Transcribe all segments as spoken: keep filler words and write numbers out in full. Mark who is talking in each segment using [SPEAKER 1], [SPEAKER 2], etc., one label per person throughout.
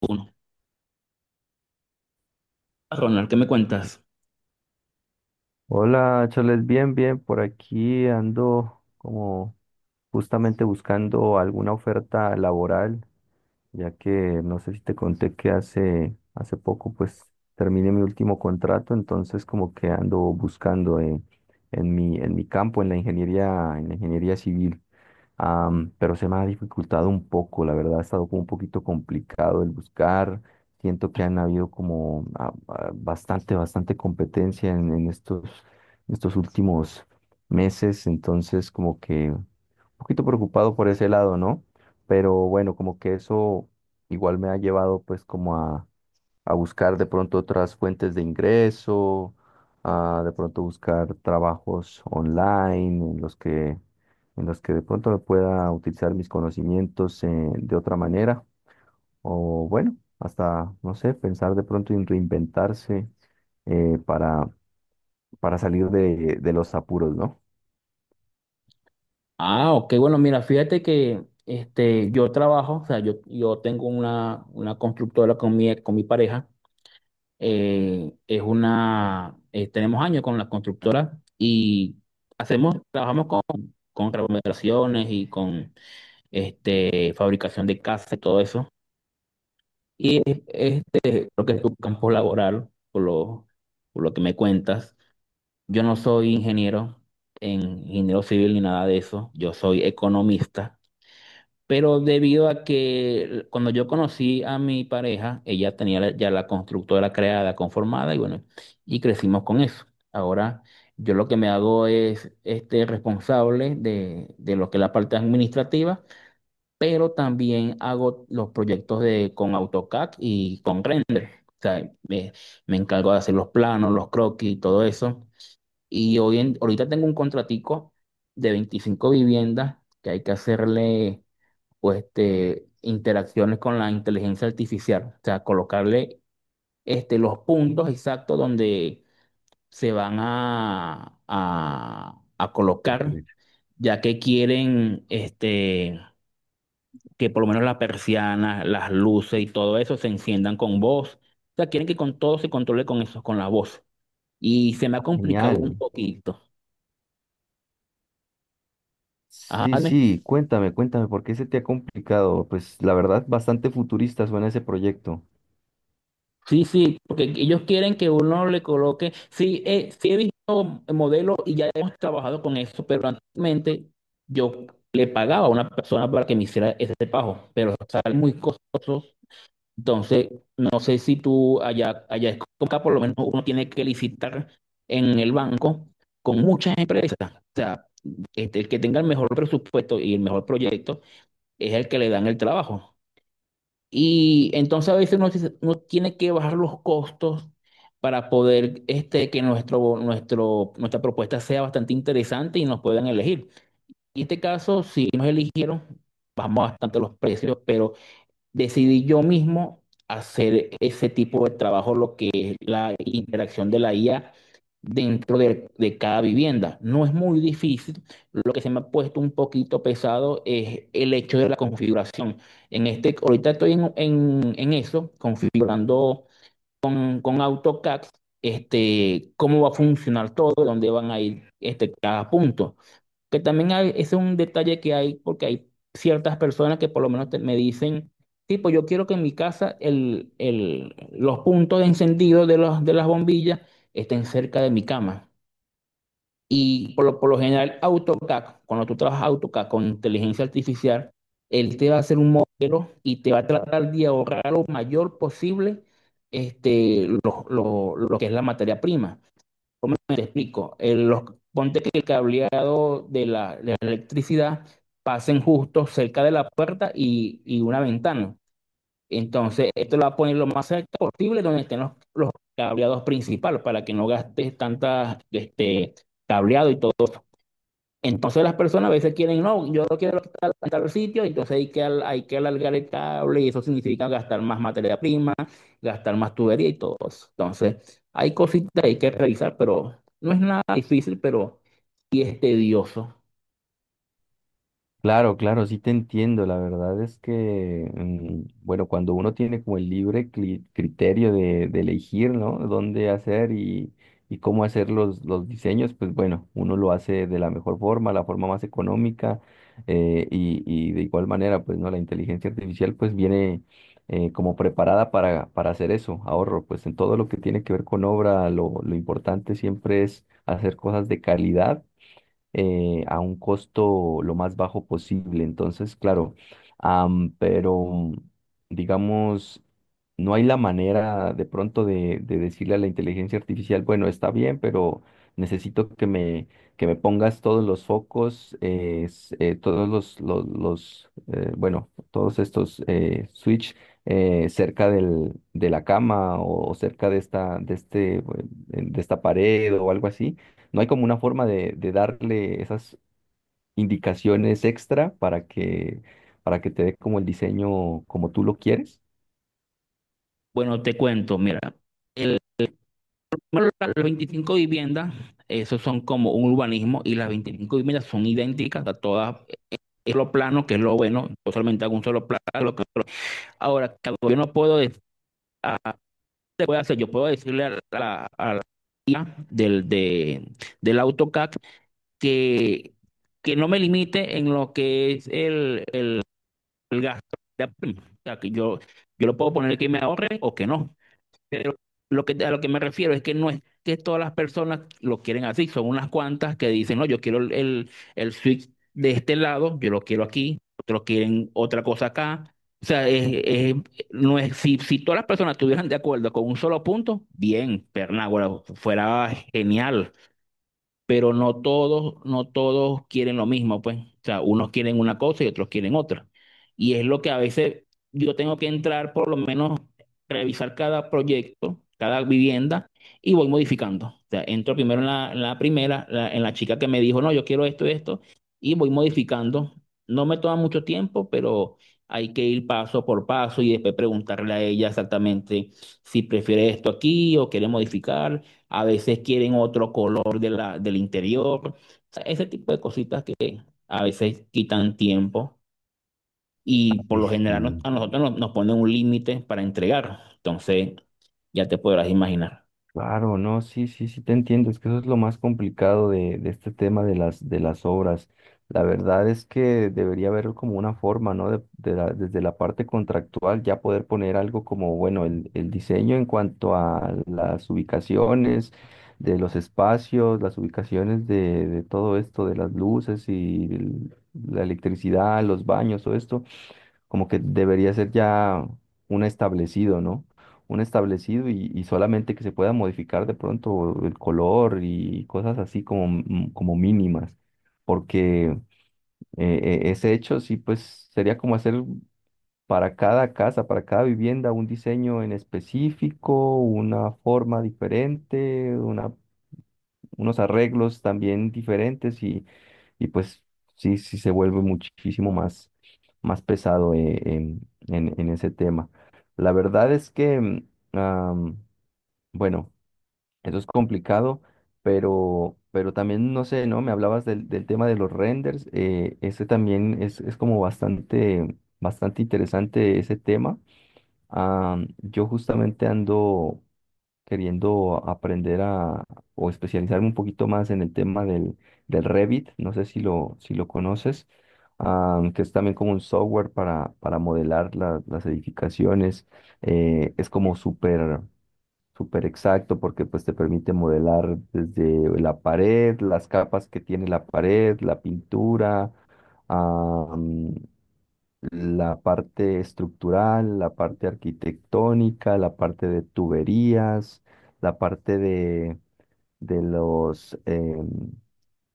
[SPEAKER 1] Uno. Ronald, ¿qué me cuentas?
[SPEAKER 2] Hola, Charles, bien, bien, por aquí ando como justamente buscando alguna oferta laboral ya que no sé si te conté que hace, hace poco pues terminé mi último contrato, entonces como que ando buscando eh, en mi, en mi campo, en la ingeniería, en la ingeniería civil. Am, pero se me ha dificultado un poco, la verdad ha estado como un poquito complicado el buscar. Siento que han habido como ah, ah, bastante, bastante competencia en, en estos, estos últimos meses, entonces como que un poquito preocupado por ese lado, ¿no? Pero bueno, como que eso igual me ha llevado pues como a, a buscar de pronto otras fuentes de ingreso, a de pronto buscar trabajos online en los que, en los que de pronto me pueda utilizar mis conocimientos eh, de otra manera. O bueno, hasta, no sé, pensar de pronto en reinventarse eh, para, para salir de, de los apuros, ¿no?
[SPEAKER 1] Ah, ok, bueno, mira, fíjate que este, yo trabajo, o sea, yo, yo tengo una, una constructora con mi, con mi pareja, eh, es una, eh, tenemos años con la constructora y hacemos, trabajamos con, con remodelaciones y con este, fabricación de casas y todo eso. Y este, creo que es tu campo laboral, por lo, por lo que me cuentas. Yo no soy ingeniero, en ingeniero civil ni nada de eso, yo soy economista, pero debido a que cuando yo conocí a mi pareja, ella tenía la- ya la constructora creada, conformada y bueno, y crecimos con eso. Ahora yo lo que me hago es este responsable de, de lo que es la parte administrativa, pero también hago los proyectos de con AutoCAD y con Render. O sea, me, me encargo de hacer los planos, los croquis y todo eso. Y hoy en- ahorita tengo un contratico de veinticinco viviendas que hay que hacerle pues, este, interacciones con la inteligencia artificial, o sea, colocarle este, los puntos exactos donde se van a, a, a colocar,
[SPEAKER 2] Construir.
[SPEAKER 1] ya que quieren este, que por lo menos las persianas, las luces y todo eso se enciendan con voz. O sea, quieren que con todo se controle con eso, con la voz. Y se me ha
[SPEAKER 2] Ah,
[SPEAKER 1] complicado un
[SPEAKER 2] genial.
[SPEAKER 1] poquito.
[SPEAKER 2] Sí,
[SPEAKER 1] Ajá,
[SPEAKER 2] sí, cuéntame, cuéntame, ¿por qué se te ha complicado? Pues la verdad, bastante futurista suena ese proyecto.
[SPEAKER 1] sí, sí, porque ellos quieren que uno le coloque. Sí, eh, sí he visto modelos y ya hemos trabajado con eso, pero anteriormente yo le pagaba a una persona para que me hiciera ese pago, pero salen muy costosos. Entonces, no sé si tú allá, allá es como acá, por lo menos uno tiene que licitar en el banco con muchas empresas. O sea, este, el que tenga el mejor presupuesto y el mejor proyecto es el que le dan el trabajo. Y entonces a veces uno, dice- uno tiene que bajar los costos para poder este, que nuestro, nuestro, nuestra propuesta sea bastante interesante y nos puedan elegir. En este caso, si nos eligieron, bajamos bastante los precios, pero decidí yo mismo hacer ese tipo de trabajo, lo que es la interacción de la I A dentro de, de cada vivienda. No es muy difícil, lo que se me ha puesto un poquito pesado es el hecho de la configuración. En este, ahorita estoy en, en- en eso, configurando con, con AutoCAD, este, cómo va a funcionar todo, dónde van a ir este, cada punto. Que también hay, ese es un detalle que hay porque hay ciertas personas que por lo menos te- me dicen, tipo, yo quiero que en mi casa el, el, los puntos de encendido de, los, de las bombillas estén cerca de mi cama. Y por lo, por lo general, AutoCAD, cuando tú trabajas AutoCAD con inteligencia artificial, él te va a hacer un modelo y te va a tratar de ahorrar lo mayor posible este, lo, lo lo que es la materia prima. Te explico. el- los, ponte que el cableado de la, de la electricidad pasen justo cerca de la puerta y, y una ventana. Entonces, esto lo va a poner lo más cerca posible donde estén los, los cableados principales para que no gastes tantas este, cableado y todo. Entonces las personas a veces quieren, no, yo no quiero estar en tal sitio, entonces hay que, hay que alargar el cable y eso significa gastar más materia prima, gastar más tubería y todo eso. Entonces hay cositas que hay que revisar, pero no es nada difícil, pero sí es tedioso.
[SPEAKER 2] Claro, claro, sí te entiendo. La verdad es que, mm, bueno, cuando uno tiene como el libre cli- criterio de, de elegir, ¿no? Dónde hacer y, y cómo hacer los, los diseños, pues bueno, uno lo hace de la mejor forma, la forma más económica eh, y, y de igual manera, pues, ¿no? La inteligencia artificial pues viene eh, como preparada para, para hacer eso, ahorro. Pues en todo lo que tiene que ver con obra, lo, lo importante siempre es hacer cosas de calidad eh, a un costo lo más bajo posible. Entonces, claro, am, pero digamos, no hay la manera de pronto de, de decirle a la inteligencia artificial, bueno, está bien, pero necesito que me, que me pongas todos los focos, eh, s- eh, todos los, los, los, eh, bueno, todos estos eh, switch eh, cerca del, de la cama o, cerca de esta, de este, eh, de esta pared o algo así no hay como una forma de, de darle esas indicaciones extra para que, para que te dé como el diseño como tú lo quieres.
[SPEAKER 1] Bueno, te cuento, mira, el, primero, las veinticinco viviendas, esos son como un urbanismo y las veinticinco viviendas son idénticas a todas, eh, es lo plano, que es lo bueno, yo solamente hago un solo plano. lo que- Ahora, que yo no puedo decir se puede hacer? Yo puedo decirle a la, a la I A del, de, del AutoCAD que, que no me limite en lo que es el, el, el gasto. De prima. O sea, que yo, yo lo puedo poner que me ahorre o que no. Pero lo que, a lo que me refiero es que no es que todas las personas lo quieren así, son unas cuantas que dicen, no, yo quiero el, el, el switch de este lado, yo lo quiero aquí, otros quieren otra cosa acá. O sea, es- es- no es, si, si todas las personas estuvieran de acuerdo con un solo punto, bien, Pernágora, fuera genial pero no todos, no todos quieren lo mismo, pues. O sea, unos quieren una cosa y otros quieren otra. Y es lo que a veces yo tengo que entrar, por lo menos, revisar cada proyecto, cada vivienda, y voy modificando. O sea, entro primero en la, en la primera, la- en la chica que me dijo, no, yo quiero esto, esto, y voy modificando. No me toma mucho tiempo, pero hay que ir paso por paso y después preguntarle a ella exactamente si prefiere esto aquí o quiere modificar a veces quieren otro color de la, del interior, o sea, ese tipo de cositas que a veces quitan tiempo y por
[SPEAKER 2] Ay,
[SPEAKER 1] lo general no-
[SPEAKER 2] sí.
[SPEAKER 1] a nosotros nos, nos ponen un límite para entregar, entonces ya te podrás imaginar.
[SPEAKER 2] Claro, no, sí, sí, sí te entiendo. Es que eso es lo más complicado de, de este tema de las, de las obras. La verdad es que debería haber como una forma, ¿no? De, de la- desde la parte contractual ya poder poner algo como, bueno, el, el diseño en cuanto a las ubicaciones de los espacios, las ubicaciones de, de todo esto, de las luces y el- la electricidad, los baños, todo esto como que debería ser ya un establecido, ¿no? Un establecido y, y solamente que se pueda modificar de pronto el color y cosas así como, m- como mínimas, porque eh, eh, ese hecho sí, pues sería como hacer para cada casa, para cada vivienda, un diseño en específico, una forma diferente, unos arreglos también diferentes y, y pues sí, sí se vuelve muchísimo más, más pesado eh, en, en- en ese tema. La verdad es que, mm, am, bueno, eso es complicado, pero, pero también, no sé, ¿no? Me hablabas del, del tema de los renders, eh, ese también es, es como bastante, bastante interesante ese tema. Am, yo justamente ando queriendo aprender a o especializarme un poquito más en el tema del, del Revit, no sé si lo, si lo conoces, ah, que es también como un software para, para modelar la- las edificaciones, eh, es como súper súper exacto porque pues te permite modelar desde la pared, las capas que tiene la pared, la pintura, la parte estructural, la parte arquitectónica, la parte de tuberías, la parte de, de los em,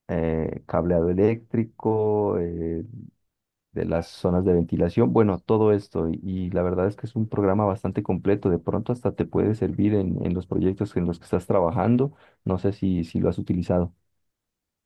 [SPEAKER 2] eh, cableado eléctrico, eh, de las zonas de ventilación, bueno, todo esto. Y, y la verdad es que es un programa bastante completo. De pronto hasta te puede servir en, en los proyectos en los que estás trabajando. No sé si, si lo has utilizado.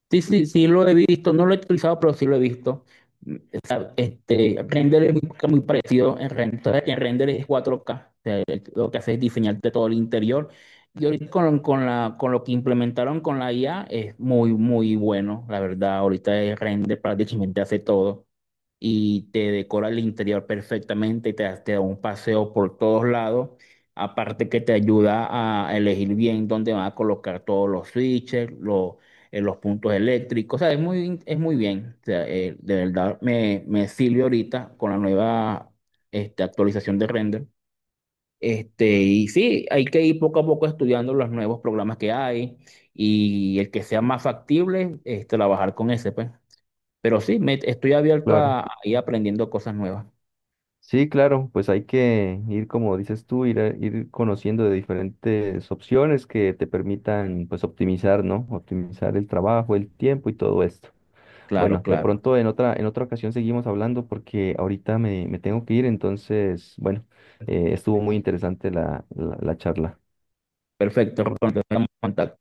[SPEAKER 1] Sí, sí, sí lo he visto, no lo he utilizado, pero sí lo he visto. Mm, o sea, este, Render es muy, muy parecido en Render. Entonces, en Render es cuatro K. O sea, lo que hace es diseñarte todo el interior. Y ahorita con, con la, con lo que implementaron con la I A es muy, muy bueno. La verdad, ahorita el Render prácticamente hace todo y te decora el interior perfectamente y te, da- te da un paseo por todos lados. Aparte que te ayuda a elegir bien dónde van a colocar todos los switches, los, eh, los puntos eléctricos. O sea, es muy, es muy bien. O sea, eh, de verdad me, me sirve ahorita con la nueva este, actualización de render. Este, y sí, hay que ir poco a poco estudiando los nuevos programas que hay y el que sea más factible, es trabajar con ese, pues. Pero sí, me, estoy abierto
[SPEAKER 2] Claro.
[SPEAKER 1] a ir aprendiendo cosas nuevas.
[SPEAKER 2] Sí, claro, pues hay que ir, como dices tú, ir, a- ir conociendo de diferentes opciones que te permitan, pues, optimizar, ¿no? Optimizar el trabajo, el tiempo y todo esto.
[SPEAKER 1] Claro,
[SPEAKER 2] Bueno, de
[SPEAKER 1] claro.
[SPEAKER 2] pronto en otra, en otra ocasión seguimos hablando porque ahorita me, me tengo que ir, entonces, bueno, eh, estuvo muy interesante la, la la charla.
[SPEAKER 1] Perfecto, Rolando, estamos en contacto.